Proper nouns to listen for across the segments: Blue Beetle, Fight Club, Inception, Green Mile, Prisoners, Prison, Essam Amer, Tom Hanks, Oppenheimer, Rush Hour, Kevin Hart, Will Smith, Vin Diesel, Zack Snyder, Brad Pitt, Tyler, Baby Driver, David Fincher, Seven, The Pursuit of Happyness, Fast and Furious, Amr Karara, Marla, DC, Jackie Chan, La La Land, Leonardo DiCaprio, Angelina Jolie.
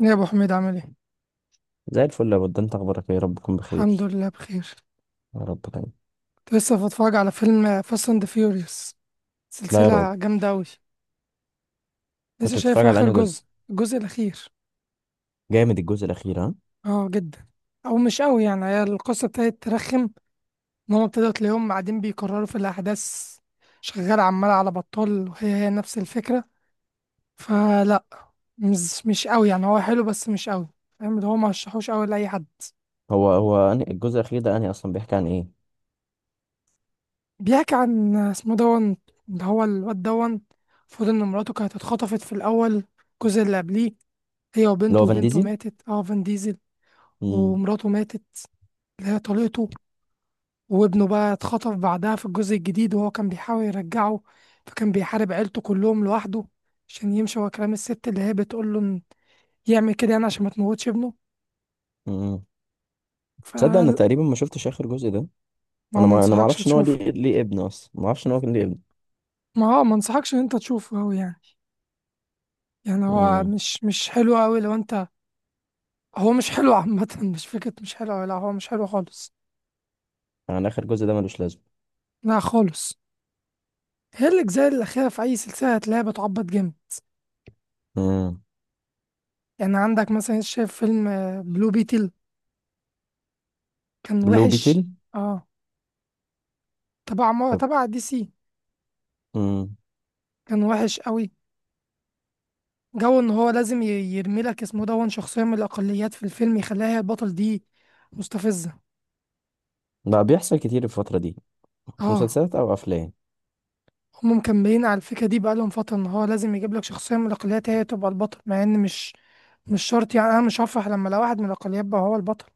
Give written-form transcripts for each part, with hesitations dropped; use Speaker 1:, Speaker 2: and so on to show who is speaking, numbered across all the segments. Speaker 1: يا ابو حميد عامل ايه.
Speaker 2: زي الفل يا بود، انت اخبارك ايه؟ يا رب تكون
Speaker 1: الحمد
Speaker 2: بخير.
Speaker 1: لله بخير.
Speaker 2: يا رب دايما.
Speaker 1: كنت لسه بتفرج على فيلم فاست اند فيوريوس،
Speaker 2: لا يا رب.
Speaker 1: سلسله جامده قوي. لسه
Speaker 2: كنت
Speaker 1: شايف
Speaker 2: بتتفرج على
Speaker 1: اخر
Speaker 2: انهي جزء؟
Speaker 1: جزء، الجزء الاخير.
Speaker 2: جامد الجزء الاخير ها.
Speaker 1: اه جدا. او مش قوي يعني، هي القصه ابتدت ترخم. ان هم ابتدوا تلاقيهم قاعدين بيكرروا في الاحداث، شغاله عماله على بطال وهي هي نفس الفكره. فلا، مش قوي يعني، هو حلو بس مش قوي. فاهم اللي هو ما رشحوش قوي لاي حد.
Speaker 2: هو أنهي الجزء الاخير ده؟ انهي اصلا بيحكي عن ايه؟
Speaker 1: بيحكي عن اسمه دون، اللي هو الواد دون. المفروض ان مراته كانت اتخطفت في الاول، الجزء اللي قبليه، هي
Speaker 2: اللي
Speaker 1: وبنته،
Speaker 2: هو فان
Speaker 1: وبنته
Speaker 2: ديزل.
Speaker 1: ماتت اه فان ديزل.
Speaker 2: امم.
Speaker 1: ومراته ماتت، اللي هي طليقته. وابنه بقى اتخطف بعدها في الجزء الجديد، وهو كان بيحاول يرجعه، فكان بيحارب عيلته كلهم لوحده عشان يمشي ورا كلام الست اللي هي بتقول له إن يعمل كده، يعني عشان ما تموتش ابنه.
Speaker 2: امم.
Speaker 1: ف
Speaker 2: تصدق انا تقريبا ما شفتش اخر جزء ده.
Speaker 1: ما هو
Speaker 2: انا
Speaker 1: ما
Speaker 2: ما انا ما
Speaker 1: انصحكش
Speaker 2: اعرفش ان هو
Speaker 1: تشوفه.
Speaker 2: ليه ابن اصلا، ما اعرفش ان هو كان ليه ابن.
Speaker 1: ما هو ما انصحكش ان انت تشوفه أوي يعني. يعني هو
Speaker 2: امم.
Speaker 1: مش حلو قوي لو انت. هو مش حلو عامة، مش فكرة، مش حلو، لا هو مش حلو خالص.
Speaker 2: يعني اخر جزء ده ملوش لازمه؟
Speaker 1: لا خالص. هي الأجزاء الأخيرة في أي سلسلة هتلاقيها بتعبط جامد.
Speaker 2: امم.
Speaker 1: يعني عندك مثلا شايف فيلم بلو بيتل، كان
Speaker 2: بلو
Speaker 1: وحش.
Speaker 2: بيتل.
Speaker 1: اه، تبع
Speaker 2: طب.
Speaker 1: تبع دي سي.
Speaker 2: امم.
Speaker 1: كان وحش قوي. جو ان هو لازم يرمي لك اسمه دون شخصية من الأقليات في الفيلم، يخليها هي البطل دي، مستفزة.
Speaker 2: بقى بيحصل كتير الفتره دي في
Speaker 1: اه.
Speaker 2: مسلسلات او افلام.
Speaker 1: هم مكملين على الفكرة دي بقالهم فترة، ان هو لازم يجيب لك شخصية من الأقليات هي تبقى البطل، مع ان مش مش شرط يعني. انا مش هفرح لما لو واحد من الأقليات بقى هو البطل.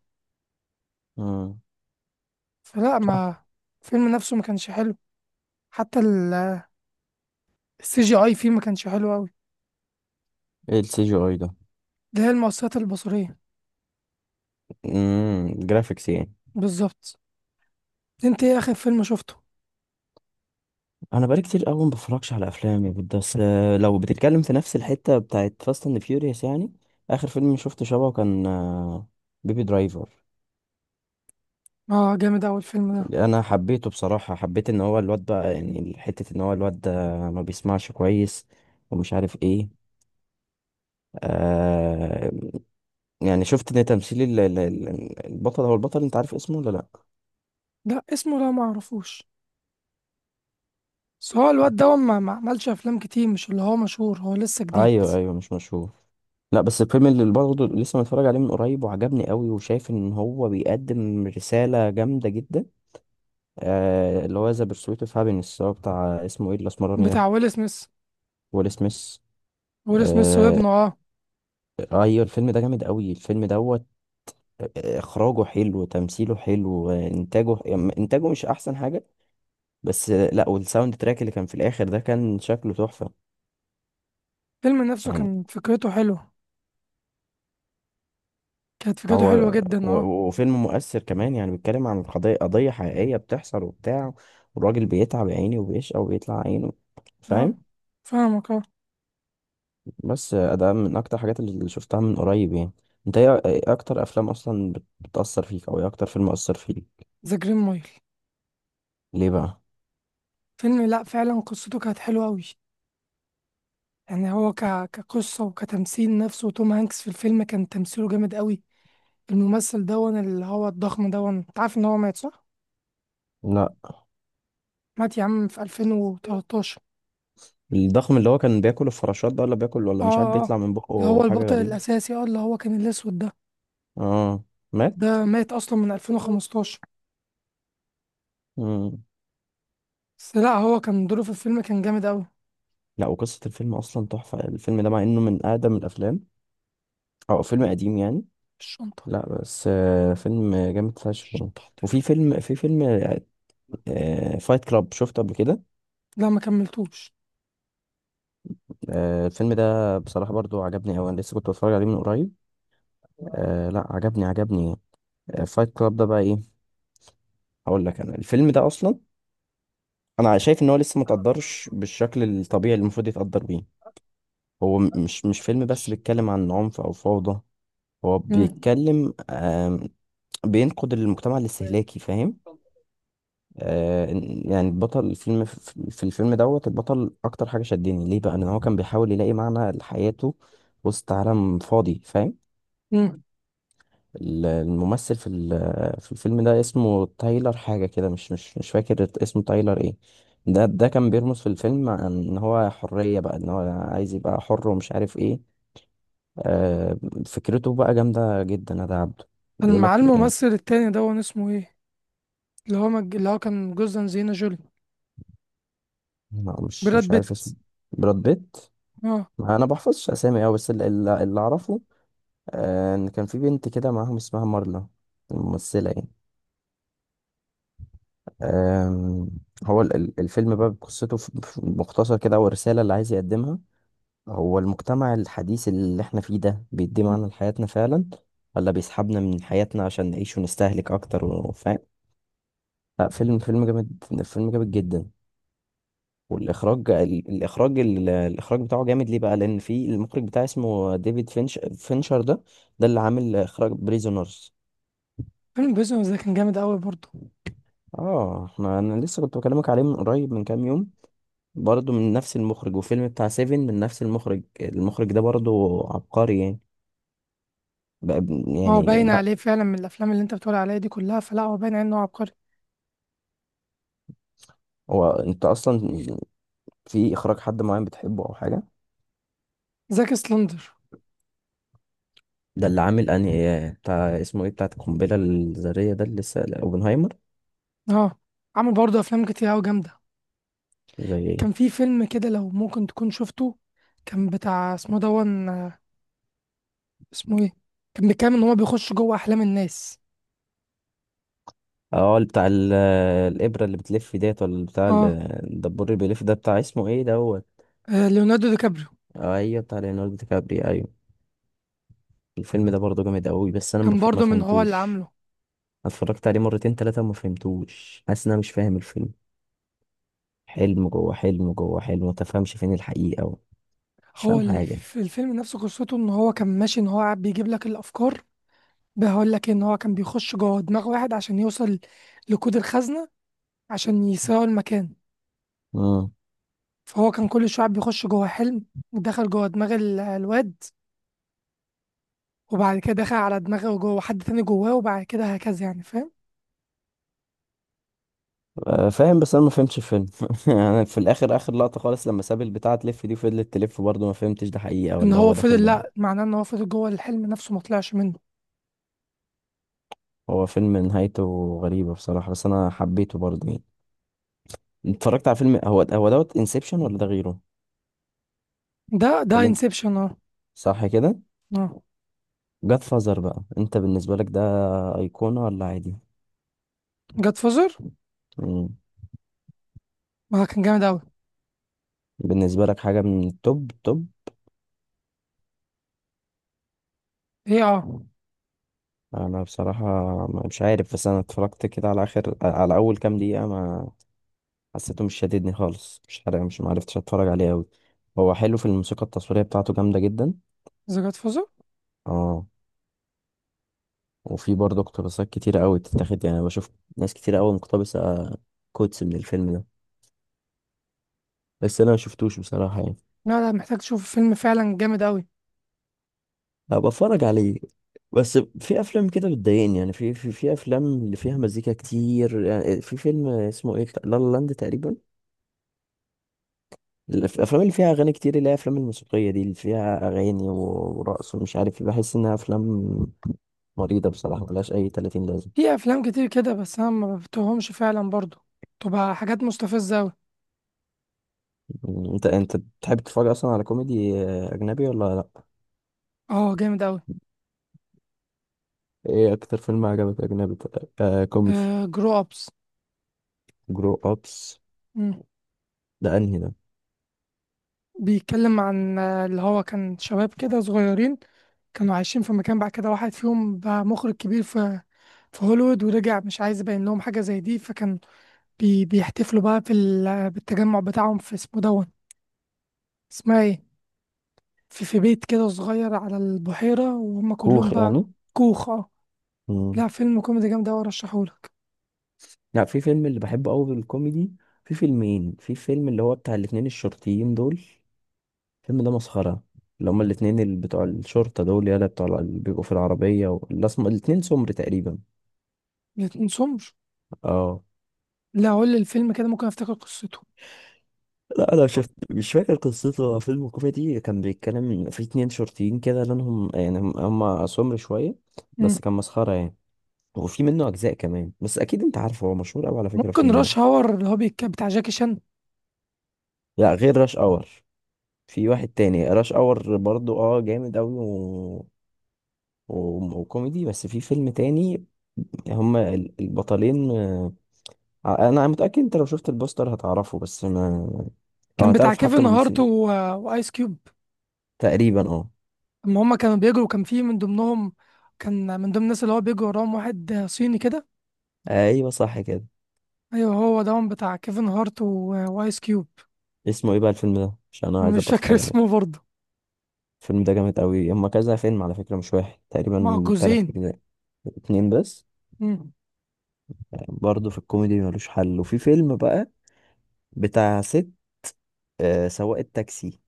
Speaker 2: امم.
Speaker 1: فلا
Speaker 2: صح.
Speaker 1: ما، الفيلم نفسه ما كانش حلو. حتى السي جي اي فيه ما كانش حلو قوي.
Speaker 2: ايه السي جي اي ده؟
Speaker 1: ده هي المؤثرات البصرية.
Speaker 2: امم، جرافيكس يعني.
Speaker 1: بالظبط. انت ايه اخر فيلم شفته؟
Speaker 2: انا بقالي كتير قوي ما بفرجش على افلام يا بود، بس لو بتتكلم في نفس الحته بتاعت فاست اند فيوريوس يعني اخر فيلم شفته شبهه كان بيبي درايفر.
Speaker 1: اه جامد اوي الفيلم ده.
Speaker 2: انا حبيته بصراحه، حبيت ان هو الواد بقى، يعني حته ان هو الواد ده ما بيسمعش كويس ومش عارف ايه. آه يعني شفت ان تمثيل البطل، هو البطل، انت عارف اسمه ولا لا؟
Speaker 1: لا اسمه، لا ما اعرفوش. بس هو الواد ده ما عملش افلام كتير، مش اللي هو مشهور، هو لسه جديد.
Speaker 2: ايوه ايوه مش مشهور. لا بس الفيلم اللي برضه لسه متفرج عليه من قريب وعجبني قوي، وشايف ان هو بيقدم رسالة جامدة جدا. اللي هو ذا بيرسويت اوف هابينس، هو بتاع اسمه ايه الاسمراني ده؟
Speaker 1: بتاع ويل سميث.
Speaker 2: ويل سميث.
Speaker 1: ويل سميث
Speaker 2: آه،
Speaker 1: وابنه اه.
Speaker 2: ايوه الفيلم ده جامد قوي الفيلم دوت. اخراجه حلو، تمثيله حلو، انتاجه يعني انتاجه مش احسن حاجه، بس لا والساوند تراك اللي كان في الاخر ده كان شكله تحفه.
Speaker 1: الفيلم نفسه
Speaker 2: يعني
Speaker 1: كان فكرته حلوة. كانت فكرته
Speaker 2: هو
Speaker 1: حلوة جدا اه.
Speaker 2: وفيلم مؤثر كمان، يعني بيتكلم عن قضيه، قضيه حقيقيه بتحصل وبتاع، والراجل بيتعب يا عيني وبيشقى وبيطلع عينه،
Speaker 1: اه
Speaker 2: فاهم.
Speaker 1: فاهمك اه.
Speaker 2: بس ده من اكتر الحاجات اللي شفتها من قريب يعني. انت ايه، إيه اكتر افلام اصلا بتأثر فيك، او ايه اكتر فيلم اثر فيك؟
Speaker 1: ذا جرين مايل.
Speaker 2: ليه بقى؟
Speaker 1: فيلم لا فعلا قصته كانت حلوة قوي. يعني هو ك... كقصة وكتمثيل نفسه، توم هانكس في الفيلم كان تمثيله جامد قوي. الممثل دون اللي هو الضخم دون، انت عارف ان هو مات صح؟
Speaker 2: لا
Speaker 1: مات يا عم في 2013.
Speaker 2: الضخم اللي هو كان بياكل الفراشات ده، ولا بياكل
Speaker 1: اه
Speaker 2: ولا مش عارف
Speaker 1: اه آه.
Speaker 2: بيطلع من
Speaker 1: اللي
Speaker 2: بقه
Speaker 1: هو
Speaker 2: حاجة
Speaker 1: البطل
Speaker 2: غريبة.
Speaker 1: الأساسي اه، اللي هو كان الأسود ده.
Speaker 2: اه. مات؟
Speaker 1: ده مات أصلا من 2015.
Speaker 2: مم.
Speaker 1: بس لا هو كان دوره في الفيلم كان جامد قوي.
Speaker 2: لا وقصة الفيلم اصلا تحفة الفيلم ده، مع انه من اقدم الافلام او فيلم قديم يعني.
Speaker 1: الشنطة.
Speaker 2: لا بس آه فيلم جامد فشخ
Speaker 1: الشنطة
Speaker 2: يعني.
Speaker 1: حطيته.
Speaker 2: وفي فيلم آه فايت كلاب، شفته قبل كده؟
Speaker 1: لا ما كملتوش.
Speaker 2: آه الفيلم ده بصراحة برضو عجبني أوي، أنا لسه كنت بتفرج عليه من قريب. آه لا عجبني. فايت كلاب ده بقى ايه؟ هقول لك انا الفيلم ده اصلا انا شايف ان هو لسه ما تقدرش بالشكل الطبيعي اللي المفروض يتقدر بيه. هو مش فيلم بس بيتكلم عن عنف او فوضى، هو
Speaker 1: مم.
Speaker 2: بيتكلم بينقد المجتمع الاستهلاكي، فاهم. يعني البطل الفيلم في الفيلم دوت، البطل اكتر حاجة شدني ليه بقى ان هو كان بيحاول يلاقي معنى لحياته وسط عالم فاضي، فاهم.
Speaker 1: مم.
Speaker 2: الممثل في الفيلم ده اسمه تايلر حاجة كده، مش فاكر اسمه تايلر ايه. ده كان بيرمز في الفيلم عن ان هو حرية بقى، ان هو عايز يبقى حر ومش عارف ايه. آه، فكرته بقى جامدة جدا ده عبده.
Speaker 1: كان مع
Speaker 2: بيقولك
Speaker 1: الممثل
Speaker 2: ايه؟
Speaker 1: التاني دون، اسمه ايه؟ اللي هو مج... اللي هو كان جوز انجلينا جولي.
Speaker 2: ما- مش
Speaker 1: براد
Speaker 2: مش عارف
Speaker 1: بيت.
Speaker 2: اسمه. براد بيت.
Speaker 1: اه.
Speaker 2: ما انا بحفظش اسامي اوي، بس اللي، اللي اعرفه ان كان في بنت كده معاهم اسمها مارلا، الممثلة يعني. أم، هو الفيلم بقى بقصته في مختصر كده، او الرسالة اللي عايز يقدمها، هو المجتمع الحديث اللي احنا فيه ده بيدي معنى لحياتنا فعلا، ولا بيسحبنا من حياتنا عشان نعيش ونستهلك اكتر، وفاهم. لا فيلم، فيلم جامد، فيلم جامد جدا. والاخراج الاخراج بتاعه جامد، ليه بقى؟ لان في المخرج بتاعه اسمه ديفيد فينش، فينشر ده، ده اللي عامل اخراج بريزونرز.
Speaker 1: فيلم بريزون ده كان جامد قوي برضه.
Speaker 2: اه احنا انا لسه كنت بكلمك عليه من قريب من كام يوم، برضه من نفس المخرج. وفيلم بتاع سيفن من نفس المخرج، المخرج ده برضه عبقري يعني. بقى
Speaker 1: هو
Speaker 2: يعني
Speaker 1: باين
Speaker 2: لا.
Speaker 1: عليه فعلا من الافلام اللي انت بتقول عليها دي كلها، فلا هو باين عليه انه عبقري.
Speaker 2: هو انت اصلا في اخراج حد معين بتحبه او حاجه؟
Speaker 1: زاك سلندر.
Speaker 2: ده اللي عامل انهي بتاع اسمه ايه، بتاع القنبله الذريه ده اللي لسه اوبنهايمر.
Speaker 1: اه. عمل برضه افلام كتير قوي جامده.
Speaker 2: زي ايه؟
Speaker 1: كان في فيلم كده لو ممكن تكون شفته، كان بتاع اسمه دون اسمه ايه. كان بيتكلم ان هو بيخش جوه احلام الناس.
Speaker 2: اه اللي بتاع الابره اللي بتلف ديت، ولا بتاع
Speaker 1: اه.
Speaker 2: الدبور اللي بيلف ده، بتاع اسمه ايه دوت.
Speaker 1: آه، ليوناردو دي كابريو.
Speaker 2: ايوه بتاع ليوناردو دي كابري ايوه. الفيلم ده برضه جامد قوي بس انا
Speaker 1: كان
Speaker 2: ما
Speaker 1: برضه من هو اللي
Speaker 2: فهمتوش.
Speaker 1: عامله؟
Speaker 2: اتفرجت عليه مرتين تلاتة وما فهمتوش، حاسس ان انا مش فاهم الفيلم، حلم جوه حلم جوه حلم، متفهمش فين الحقيقة و... مش
Speaker 1: هو
Speaker 2: فاهم حاجة.
Speaker 1: الفيلم نفسه قصته ان هو كان ماشي، ان هو قاعد بيجيب لك الافكار. بقول لك ان هو كان بيخش جوه دماغ واحد عشان يوصل لكود الخزنه، عشان يسرقوا المكان.
Speaker 2: امم.
Speaker 1: فهو كان كل شوية بيخش جوه حلم، ودخل جوه دماغ الواد، وبعد كده دخل على دماغه جوه حد تاني جواه، وبعد كده هكذا يعني، فاهم.
Speaker 2: فاهم بس انا ما فهمتش الفيلم. يعني في الاخر، اخر لقطة خالص لما ساب البتاعة تلف دي فضلت تلف برضه، ما فهمتش ده حقيقة
Speaker 1: ان
Speaker 2: ولا
Speaker 1: هو
Speaker 2: هو داخل
Speaker 1: فضل،
Speaker 2: ده.
Speaker 1: لا، معناه ان هو فضل جوه الحلم نفسه ما طلعش منه.
Speaker 2: هو فيلم نهايته غريبة بصراحة بس انا حبيته برضه يعني. اتفرجت على فيلم هو دوت انسبشن ولا ده غيره؟
Speaker 1: ده
Speaker 2: ولا انت،
Speaker 1: انسبشن اه.
Speaker 2: صح كده؟
Speaker 1: اه.
Speaker 2: جاد فازر بقى انت بالنسبة لك ده ايقونة ولا عادي؟
Speaker 1: جاد فوزر.
Speaker 2: مم.
Speaker 1: ما كان جامد اوي.
Speaker 2: بالنسبة لك حاجة من التوب توب.
Speaker 1: ايه اه.
Speaker 2: انا بصراحه مش عارف، بس انا اتفرجت كده على اخر، على اول كام دقيقه ما حسيته، مش شاددني خالص مش عارف، مش معرفتش اتفرج عليه قوي. هو حلو، في الموسيقى التصويريه بتاعته جامده جدا.
Speaker 1: ذا جاد فوزر.
Speaker 2: اه. وفي برضه اقتباسات كتيره قوي بتتاخد، يعني بشوف ناس كتيره قوي مقتبسه كوتس من الفيلم ده، بس انا ما شفتوش بصراحه يعني.
Speaker 1: لا لا، محتاج تشوف فيلم فعلا جامد اوي.
Speaker 2: هبقى اتفرج عليه. بس في افلام كده بتضايقني يعني، في افلام اللي فيها مزيكا كتير، يعني في فيلم اسمه ايه، لا لا لاند تقريبا. الافلام اللي فيها اغاني كتير، اللي هي افلام الموسيقيه دي اللي فيها اغاني ورقص ومش عارف إيه، بحس انها افلام مريضه بصراحه ملهاش اي 30 لازمه.
Speaker 1: في افلام كتير كده بس انا ما بفتهمش فعلا برضو، تبقى حاجات مستفزة اوي.
Speaker 2: انت بتحب تتفرج اصلا على كوميدي اجنبي ولا لا؟
Speaker 1: اه جامد اوي.
Speaker 2: ايه اكتر فيلم عجبك اجنبي طيب؟ آه كوميدي.
Speaker 1: آه جرو ابس.
Speaker 2: جرو ابس. ده انهي ده؟
Speaker 1: بيتكلم عن اللي هو كان شباب كده صغيرين، كانوا عايشين في مكان، بعد كده واحد فيهم بقى مخرج كبير في في هوليوود ورجع مش عايز يبين لهم حاجة زي دي، فكان بيحتفلوا بقى في ال... بالتجمع بتاعهم في اسمه دون اسمها ايه، في في بيت كده صغير على البحيرة، وهم كلهم
Speaker 2: كوخ
Speaker 1: بقى.
Speaker 2: يعني.
Speaker 1: كوخ اه.
Speaker 2: مم.
Speaker 1: لا فيلم كوميدي جامد أوي، أرشحهولك.
Speaker 2: لا في فيلم اللي بحبه قوي بالكوميدي، في فيلمين، في فيلم اللي هو بتاع الاتنين الشرطيين دول، الفيلم ده مسخرة، اللي هما الاتنين اللي بتوع الشرطة دول يلا بتوع اللي بيبقوا في العربية و... الأسم... الاتنين سمر تقريبا.
Speaker 1: متنسومش.
Speaker 2: اه
Speaker 1: لا قول لي الفيلم كده ممكن أفتكر قصته.
Speaker 2: لا أنا شفت مش فاكر قصته، هو فيلم كوميدي كان بيتكلم في اتنين شرطيين كده، لأنهم يعني هم هما سمر شوية.
Speaker 1: مم.
Speaker 2: بس كان مسخرة يعني. وفي منه أجزاء كمان بس أكيد أنت عارفه، هو مشهور أوي على فكرة
Speaker 1: ممكن
Speaker 2: الفيلم ده.
Speaker 1: راش هاور اللي هو بتاع جاكي شان.
Speaker 2: لا غير راش أور، في واحد تاني. راش أور برضو اه جامد أوي و... و... وكوميدي، بس في فيلم تاني. هما البطلين. انا متأكد انت لو شفت البوستر هتعرفه، بس ما، او
Speaker 1: كان بتاع
Speaker 2: هتعرف حتى
Speaker 1: كيفن هارت و...
Speaker 2: الممثلين.
Speaker 1: وآيس كيوب.
Speaker 2: تقريبا اه.
Speaker 1: اما هم كانوا بيجروا كان في من ضمنهم، كان من ضمن الناس اللي هو بيجروا وراهم واحد صيني كده.
Speaker 2: ايوه صح كده.
Speaker 1: ايوه هو ده بتاع كيفن هارت و... وايس كيوب.
Speaker 2: اسمه ايه بقى الفيلم ده عشان انا
Speaker 1: أنا
Speaker 2: عايز
Speaker 1: مش
Speaker 2: ابقى
Speaker 1: فاكر
Speaker 2: اتفرج
Speaker 1: اسمه
Speaker 2: عليه.
Speaker 1: برضه.
Speaker 2: الفيلم ده جامد قوي، هما كذا فيلم على فكرة مش واحد،
Speaker 1: مع
Speaker 2: تقريبا تلات
Speaker 1: جوزين.
Speaker 2: اجزاء. اتنين بس.
Speaker 1: مم.
Speaker 2: برضه في الكوميدي ملوش حل. وفي فيلم بقى بتاع ست سواقة تاكسي،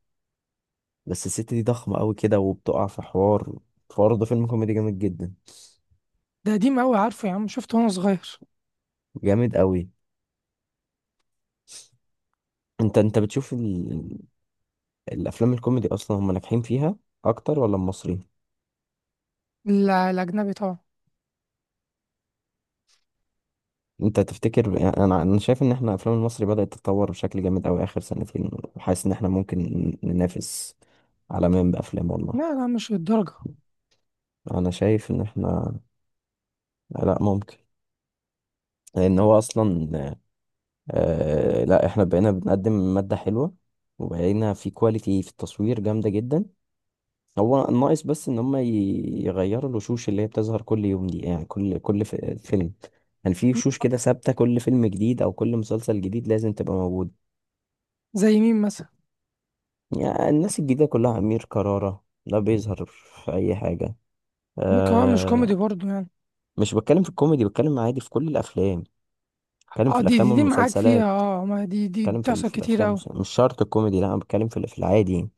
Speaker 2: بس الست دي ضخمة قوي كده وبتقع في حوار، برضه فيلم كوميدي جامد جدا.
Speaker 1: ده قديم قوي عارفه يا عم، شفته وانا صغير.
Speaker 2: جامد قوي. انت بتشوف الافلام الكوميدي اصلا هم ناجحين فيها اكتر ولا المصري؟
Speaker 1: لا الاجنبي طبعا.
Speaker 2: انت تفتكر يعني، انا شايف ان احنا افلام المصري بدأت تتطور بشكل جامد قوي اخر سنتين، وحاسس ان احنا ممكن ننافس عالميا بافلام
Speaker 1: لا
Speaker 2: والله.
Speaker 1: لا مش للدرجه.
Speaker 2: انا شايف ان احنا، لا ممكن، لان هو اصلا آه لا احنا بقينا بنقدم مادة حلوة، وبقينا في كواليتي في التصوير جامدة جدا. هو ناقص بس ان هم يغيروا الوشوش اللي هي بتظهر كل يوم دي، يعني فيلم، يعني في وشوش كده ثابته كل فيلم جديد او كل مسلسل جديد لازم تبقى موجود.
Speaker 1: زي مين مثلا؟
Speaker 2: يعني الناس الجديده كلها، امير كرارة لا بيظهر في اي حاجه.
Speaker 1: ممكن هو مش
Speaker 2: أه.
Speaker 1: كوميدي برضه يعني.
Speaker 2: مش بتكلم في الكوميدي، بتكلم عادي في كل الافلام، بتكلم
Speaker 1: اه
Speaker 2: في
Speaker 1: دي دي,
Speaker 2: الافلام
Speaker 1: دي معاك
Speaker 2: والمسلسلات.
Speaker 1: فيها اه، ما دي دي
Speaker 2: بتكلم
Speaker 1: بتحصل
Speaker 2: في
Speaker 1: كتير
Speaker 2: الافلام
Speaker 1: قوي.
Speaker 2: مش شرط الكوميدي، لا انا بتكلم في العادي يعني.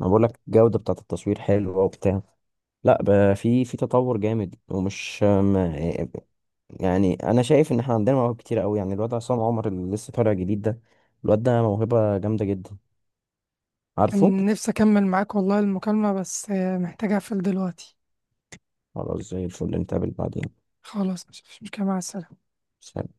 Speaker 2: انا بقول لك الجوده بتاعه التصوير حلوه وبتاع، لا بقى في، في تطور جامد ومش، يعني انا شايف ان احنا عندنا مواهب كتير قوي، يعني الواد عصام عمر اللي لسه طالع جديد ده، الواد ده موهبه جامده جدا عارفه.
Speaker 1: كان نفسي اكمل معاك والله المكالمه بس محتاج اقفل دلوقتي.
Speaker 2: خلاص زي الفل نتقابل بعدين.
Speaker 1: خلاص مش مشكله، مع السلامه.
Speaker 2: سلام.